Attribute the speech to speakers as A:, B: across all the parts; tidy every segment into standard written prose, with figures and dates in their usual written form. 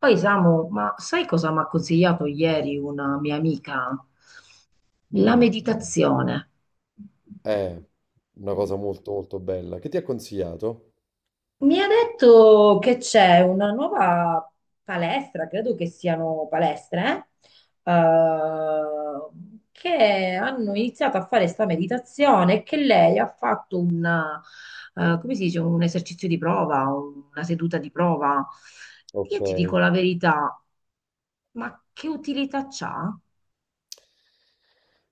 A: Poi Samu, ma sai cosa mi ha consigliato ieri una mia amica? La
B: Mh.
A: meditazione.
B: Eh, una cosa molto, molto bella. Che ti ha consigliato?
A: Mi ha detto che c'è una nuova palestra, credo che siano palestre, eh, che hanno iniziato a fare sta meditazione e che lei ha fatto come si dice, un esercizio di prova, una seduta di prova. Io ti dico
B: Okay.
A: la verità, ma che utilità c'ha?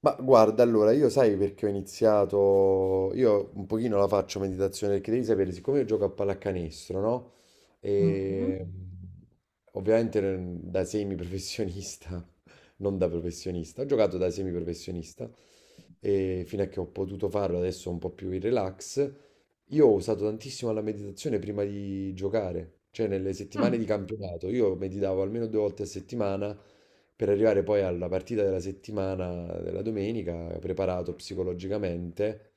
B: Ma guarda, allora, io sai perché ho iniziato, io un pochino la faccio meditazione perché devi sapere, siccome io gioco a pallacanestro, no?
A: Mm.
B: E ovviamente da semiprofessionista, non da professionista, ho giocato da semiprofessionista e fino a che ho potuto farlo adesso un po' più in relax, io ho usato tantissimo la meditazione prima di giocare, cioè nelle settimane
A: Mm.
B: di campionato, io meditavo almeno due volte a settimana per arrivare poi alla partita della settimana, della domenica, preparato psicologicamente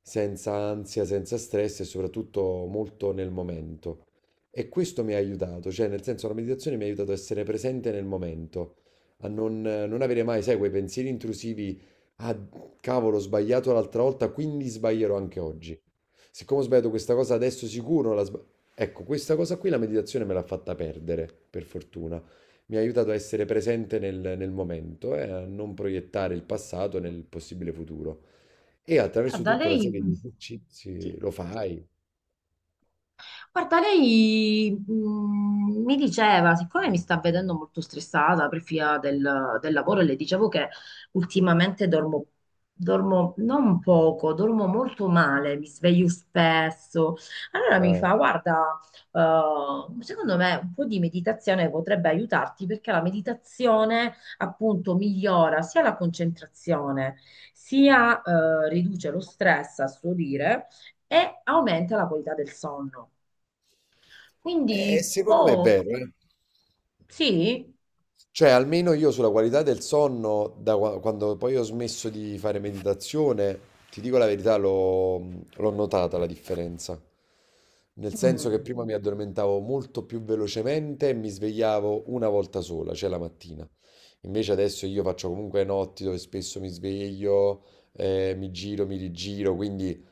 B: senza ansia, senza stress e soprattutto molto nel momento. E questo mi ha aiutato, cioè nel senso la meditazione mi ha aiutato a essere presente nel momento, a non avere mai, sai, quei pensieri intrusivi, ah cavolo, ho sbagliato l'altra volta, quindi sbaglierò anche oggi. Siccome ho sbagliato questa cosa adesso sicuro, ecco, questa cosa qui la meditazione me l'ha fatta perdere, per fortuna. Mi ha aiutato a essere presente nel momento e a non proiettare il passato nel possibile futuro. E attraverso
A: Guarda,
B: tutta una
A: lei
B: serie di esercizi
A: sì.
B: lo fai.
A: Guarda, lei mi diceva, siccome mi sta vedendo molto stressata per via del lavoro, e le dicevo che ultimamente dormo, dormo non poco, dormo molto male, mi sveglio spesso. Allora mi
B: Ah.
A: fa, guarda, secondo me un po' di meditazione potrebbe aiutarti, perché la meditazione appunto migliora sia la concentrazione, sia riduce lo stress, a suo dire, e aumenta la qualità del sonno.
B: E
A: Quindi,
B: secondo me è
A: boh,
B: vero, eh.
A: sì.
B: Cioè, almeno io sulla qualità del sonno, quando poi ho smesso di fare meditazione, ti dico la verità, l'ho notata la differenza. Nel senso che
A: Mm.
B: prima mi addormentavo molto più velocemente e mi svegliavo una volta sola, cioè la mattina. Invece adesso io faccio comunque notti dove spesso mi sveglio, mi giro, mi rigiro, quindi.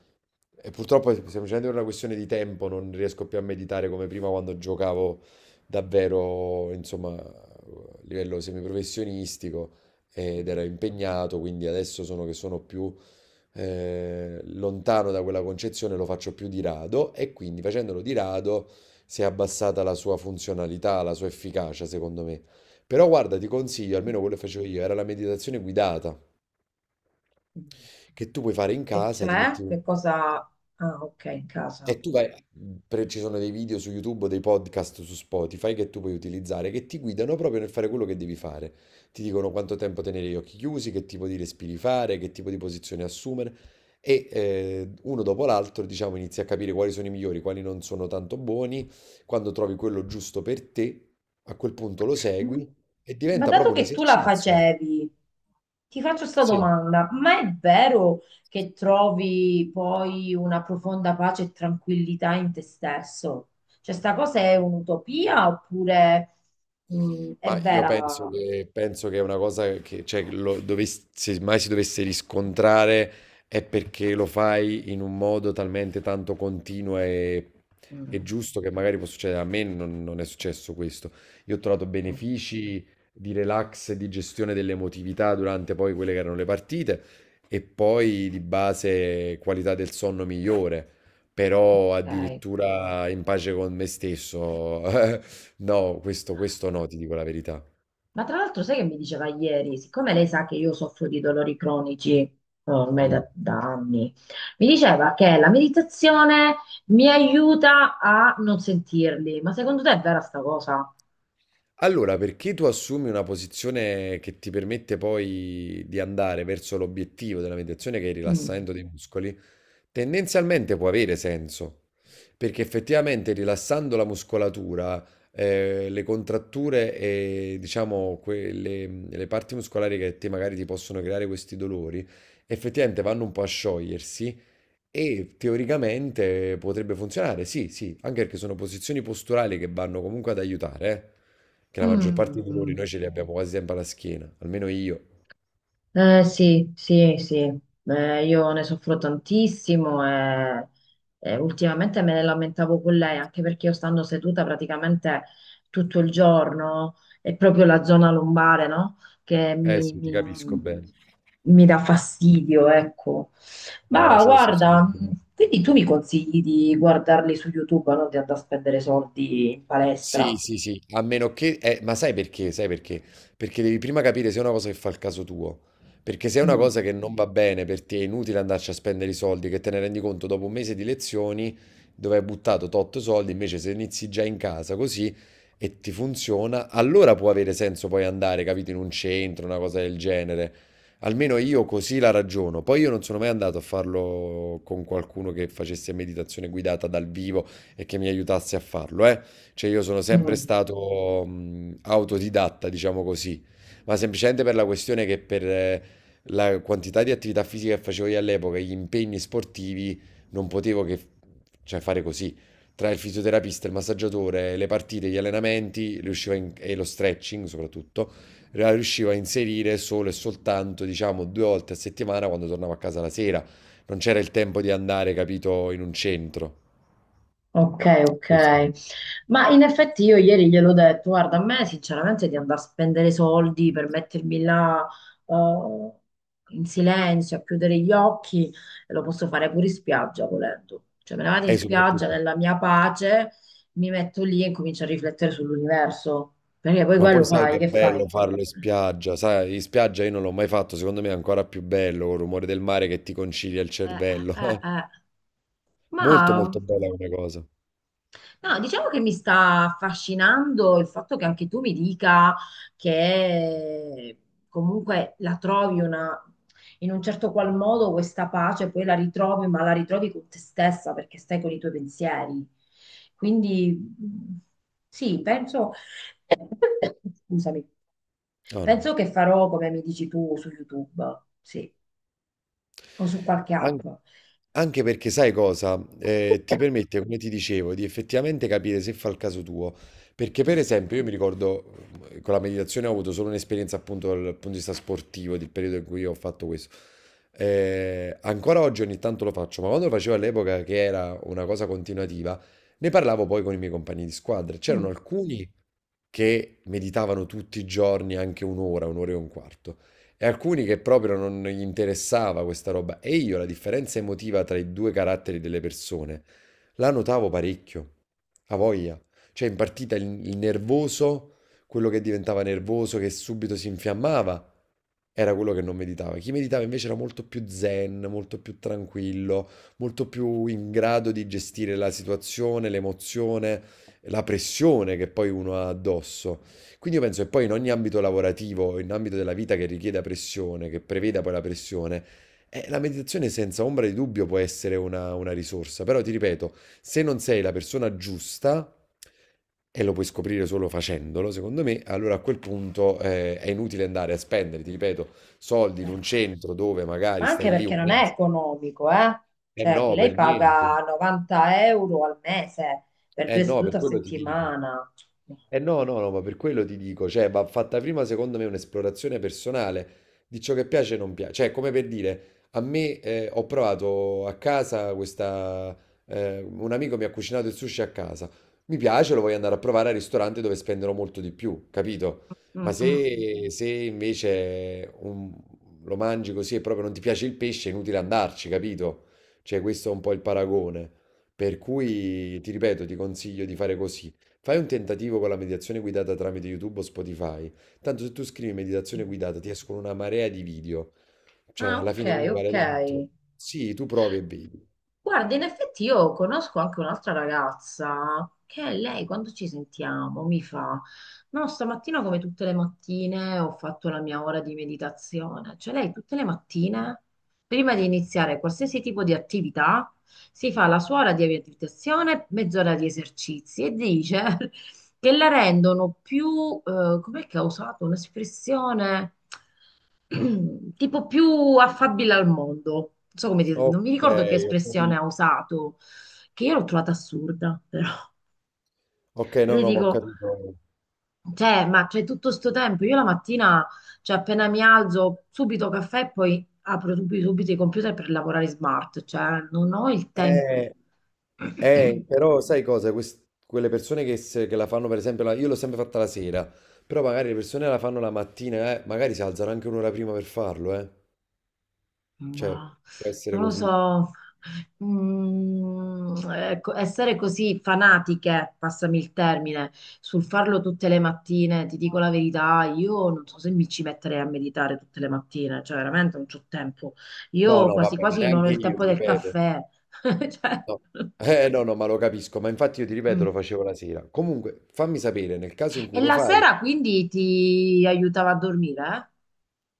B: E purtroppo è semplicemente per una questione di tempo non riesco più a meditare come prima quando giocavo davvero, insomma, a livello semiprofessionistico ed ero
A: Mm,
B: impegnato, quindi adesso sono che sono più lontano da quella concezione, lo faccio più di rado e quindi facendolo di rado si è abbassata la sua funzionalità, la sua efficacia, secondo me. Però guarda, ti consiglio, almeno quello che facevo io, era la meditazione guidata,
A: mm.
B: che tu puoi fare in
A: E
B: casa, ti
A: cioè,
B: metti un.
A: che cosa. Ah, ok, in casa.
B: E tu vai, ci sono dei video su YouTube, dei podcast su Spotify che tu puoi utilizzare, che ti guidano proprio nel fare quello che devi fare. Ti dicono quanto tempo tenere gli occhi chiusi, che tipo di respiri fare, che tipo di posizione assumere e uno dopo l'altro, diciamo, inizi a capire quali sono i migliori, quali non sono tanto buoni. Quando trovi quello giusto per te, a quel punto lo
A: Mm.
B: segui e
A: Ma
B: diventa
A: dato
B: proprio un
A: che tu la
B: esercizio.
A: facevi, ti faccio questa
B: Sì.
A: domanda. Ma è vero che trovi poi una profonda pace e tranquillità in te stesso? Cioè, sta cosa è un'utopia oppure è
B: Ma io penso
A: vera?
B: che, penso che è una cosa che, cioè, se mai si dovesse riscontrare è perché lo fai in un modo talmente tanto continuo e
A: Mm,
B: giusto che magari può succedere. A me non è successo questo. Io ho trovato
A: mm.
B: benefici di relax, di gestione dell'emotività durante poi quelle che erano le partite e poi di base qualità del sonno migliore, però
A: Ok.
B: addirittura in pace con me stesso. No, questo no, ti dico la verità.
A: Ma tra l'altro, sai che mi diceva ieri, siccome lei sa che io soffro di dolori cronici, oh, ormai
B: Mm.
A: da anni, mi diceva che la meditazione mi aiuta a non sentirli. Ma secondo te è vera sta cosa?
B: Allora, perché tu assumi una posizione che ti permette poi di andare verso l'obiettivo della meditazione, che è il
A: Mm.
B: rilassamento dei muscoli, tendenzialmente può avere senso, perché effettivamente rilassando la muscolatura, le contratture e diciamo quelle, le parti muscolari che a te magari ti possono creare questi dolori, effettivamente vanno un po' a sciogliersi. E teoricamente potrebbe funzionare, sì, sì, anche perché sono posizioni posturali che vanno comunque ad aiutare, che la maggior parte dei dolori
A: Mm.
B: noi ce li abbiamo quasi sempre alla schiena, almeno io.
A: Sì, sì, sì. Io ne soffro tantissimo, e ultimamente me ne lamentavo con lei, anche perché io, stando seduta praticamente tutto il giorno, è proprio la zona lombare, no? Che
B: Eh sì, ti capisco bene.
A: mi dà fastidio, ecco.
B: No,
A: Ma
B: c'ho lo stesso
A: guarda,
B: problema.
A: quindi tu mi consigli di guardarli su YouTube, non di andare a spendere soldi in
B: Sì,
A: palestra?
B: sì, sì, a meno che... ma sai perché? Sai perché? Perché devi prima capire se è una cosa che fa il caso tuo. Perché se è una
A: Mm.
B: cosa che non va bene per te, è inutile andarci a spendere i soldi, che te ne rendi conto dopo un mese di lezioni dove hai buttato tot soldi, invece se inizi già in casa così e ti funziona, allora può avere senso poi andare, capito, in un centro, una cosa del genere. Almeno io così la ragiono. Poi io non sono mai andato a farlo con qualcuno che facesse meditazione guidata dal vivo e che mi aiutasse a farlo, eh. Cioè io sono sempre
A: Mm.
B: stato autodidatta, diciamo così, ma semplicemente per la questione che per la quantità di attività fisica che facevo io all'epoca e gli impegni sportivi non potevo che, cioè, fare così. Tra il fisioterapista, il massaggiatore, le partite, gli allenamenti, riuscivo a e lo stretching soprattutto, riuscivo a inserire solo e soltanto, diciamo, due volte a settimana quando tornavo a casa la sera. Non c'era il tempo di andare, capito, in un centro.
A: Ok,
B: Questo.
A: ok. Ma in effetti io ieri gliel'ho detto, guarda, a me sinceramente di andare a spendere soldi per mettermi là eh, in silenzio, a chiudere gli occhi, e lo posso fare pure in spiaggia, volendo. Cioè me ne vado in
B: E
A: spiaggia,
B: soprattutto.
A: nella mia pace, mi metto lì e comincio a riflettere sull'universo, perché poi
B: Ma poi
A: quello
B: sai che
A: fai,
B: è
A: che fai?
B: bello farlo in spiaggia, sai, in spiaggia io non l'ho mai fatto, secondo me è ancora più bello, il rumore del mare che ti concilia il
A: Eh, eh,
B: cervello.
A: eh.
B: Molto
A: Ma
B: molto bella come cosa.
A: no, diciamo che mi sta affascinando il fatto che anche tu mi dica che comunque la trovi, una, in un certo qual modo, questa pace, poi la ritrovi, ma la ritrovi con te stessa, perché stai con i tuoi pensieri. Quindi mh, sì, penso, scusami,
B: No, no.
A: penso che farò come mi dici tu, su YouTube, sì, o su qualche
B: An-
A: app.
B: Anche perché sai cosa? Ti permette, come ti dicevo, di effettivamente capire se fa il caso tuo. Perché per
A: Mm.
B: esempio io mi ricordo, con la meditazione ho avuto solo un'esperienza appunto dal punto di vista sportivo, del periodo in cui ho fatto questo. Ancora oggi ogni tanto lo faccio, ma quando lo facevo all'epoca, che era una cosa continuativa, ne parlavo poi con i miei compagni di squadra. C'erano
A: Mm.
B: alcuni che meditavano tutti i giorni anche un'ora, un'ora e un quarto, e alcuni che proprio non gli interessava questa roba. E io la differenza emotiva tra i due caratteri delle persone la notavo parecchio, a voglia. Cioè in partita il nervoso, quello che diventava nervoso, che subito si infiammava, era quello che non meditava. Chi meditava invece era molto più zen, molto più tranquillo, molto più in grado di gestire la situazione, l'emozione, la pressione che poi uno ha addosso. Quindi io penso che poi in ogni ambito lavorativo, in ambito della vita che richieda pressione, che preveda poi la pressione, la meditazione senza ombra di dubbio può essere una risorsa, però ti ripeto, se non sei la persona giusta, e lo puoi scoprire solo facendolo, secondo me, allora a quel punto è inutile andare a spendere, ti ripeto, soldi in
A: Eh.
B: un centro dove magari
A: Ma anche
B: stai lì
A: perché
B: un
A: non è
B: mese.
A: economico, eh?
B: Eh
A: Cioè,
B: no, per
A: lei
B: niente.
A: paga 90 euro al mese per
B: Eh
A: due
B: no, per
A: sedute a
B: quello ti dico.
A: settimana.
B: Eh no, no, no, ma per quello ti dico, cioè, va fatta prima secondo me un'esplorazione personale di ciò che piace e non piace. Cioè, come per dire, a me ho provato a casa questa. Un amico mi ha cucinato il sushi a casa. Mi piace, lo voglio andare a provare al ristorante dove spenderò molto di più, capito? Ma
A: Mm, mm.
B: se invece lo mangi così e proprio non ti piace il pesce, è inutile andarci, capito? Cioè, questo è un po' il paragone. Per cui, ti ripeto, ti consiglio di fare così. Fai un tentativo con la meditazione guidata tramite YouTube o Spotify. Tanto se tu scrivi meditazione
A: Mm.
B: guidata ti escono una marea di video. Cioè,
A: Ah,
B: alla
A: ok,
B: fine uno vale
A: ok.
B: l'altro. Sì, tu provi e vedi.
A: Guarda, in effetti io conosco anche un'altra ragazza che, lei, quando ci sentiamo, mi fa, no, stamattina, come tutte le mattine, ho fatto la mia ora di meditazione. Cioè lei tutte le mattine, prima di iniziare qualsiasi tipo di attività, si fa la sua ora di meditazione, mezz'ora di esercizi, e dice che la rendono più, com'è che ha usato un'espressione, tipo, più affabile al mondo. Non so come dire,
B: Ok,
A: non mi ricordo che
B: ho
A: espressione ha
B: capito.
A: usato, che io l'ho trovata assurda, però.
B: Ok,
A: E
B: no,
A: le
B: no, ma ho
A: dico,
B: capito.
A: cioè, ma c'è tutto sto tempo? Io la mattina, cioè appena mi alzo, subito caffè, e poi apro subito, subito i computer per lavorare smart, cioè non ho il tempo.
B: Eh, Però sai cosa? Quelle persone che, se- che la fanno, per esempio, io l'ho sempre fatta la sera, però magari le persone la fanno la mattina, magari si alzano anche un'ora prima per farlo, eh. Cioè,
A: Ma
B: può essere
A: non lo
B: così.
A: so. Mm, ecco, essere così fanatiche, passami il termine, sul farlo tutte le mattine, ti dico la verità, io non so se mi ci metterei a meditare tutte le mattine, cioè veramente non c'ho tempo.
B: No,
A: Io
B: no,
A: quasi
B: vabbè, ma
A: quasi non ho
B: neanche
A: il
B: io,
A: tempo
B: ti
A: del
B: ripeto.
A: caffè. Cioè,
B: No. Eh no, no, ma lo capisco, ma infatti io ti ripeto,
A: mm.
B: lo facevo la sera. Comunque, fammi sapere nel caso in
A: E
B: cui lo
A: la
B: fai.
A: sera quindi ti aiutava a dormire,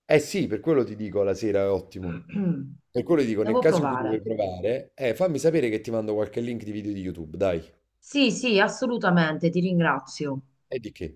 B: Eh sì, per quello ti dico la sera è
A: eh?
B: ottimo. Per quello ti dico, nel
A: Devo
B: caso in cui tu vuoi
A: provare.
B: provare, fammi sapere che ti mando qualche link di video di YouTube, dai.
A: Sì, sì, assolutamente, ti ringrazio.
B: E di che?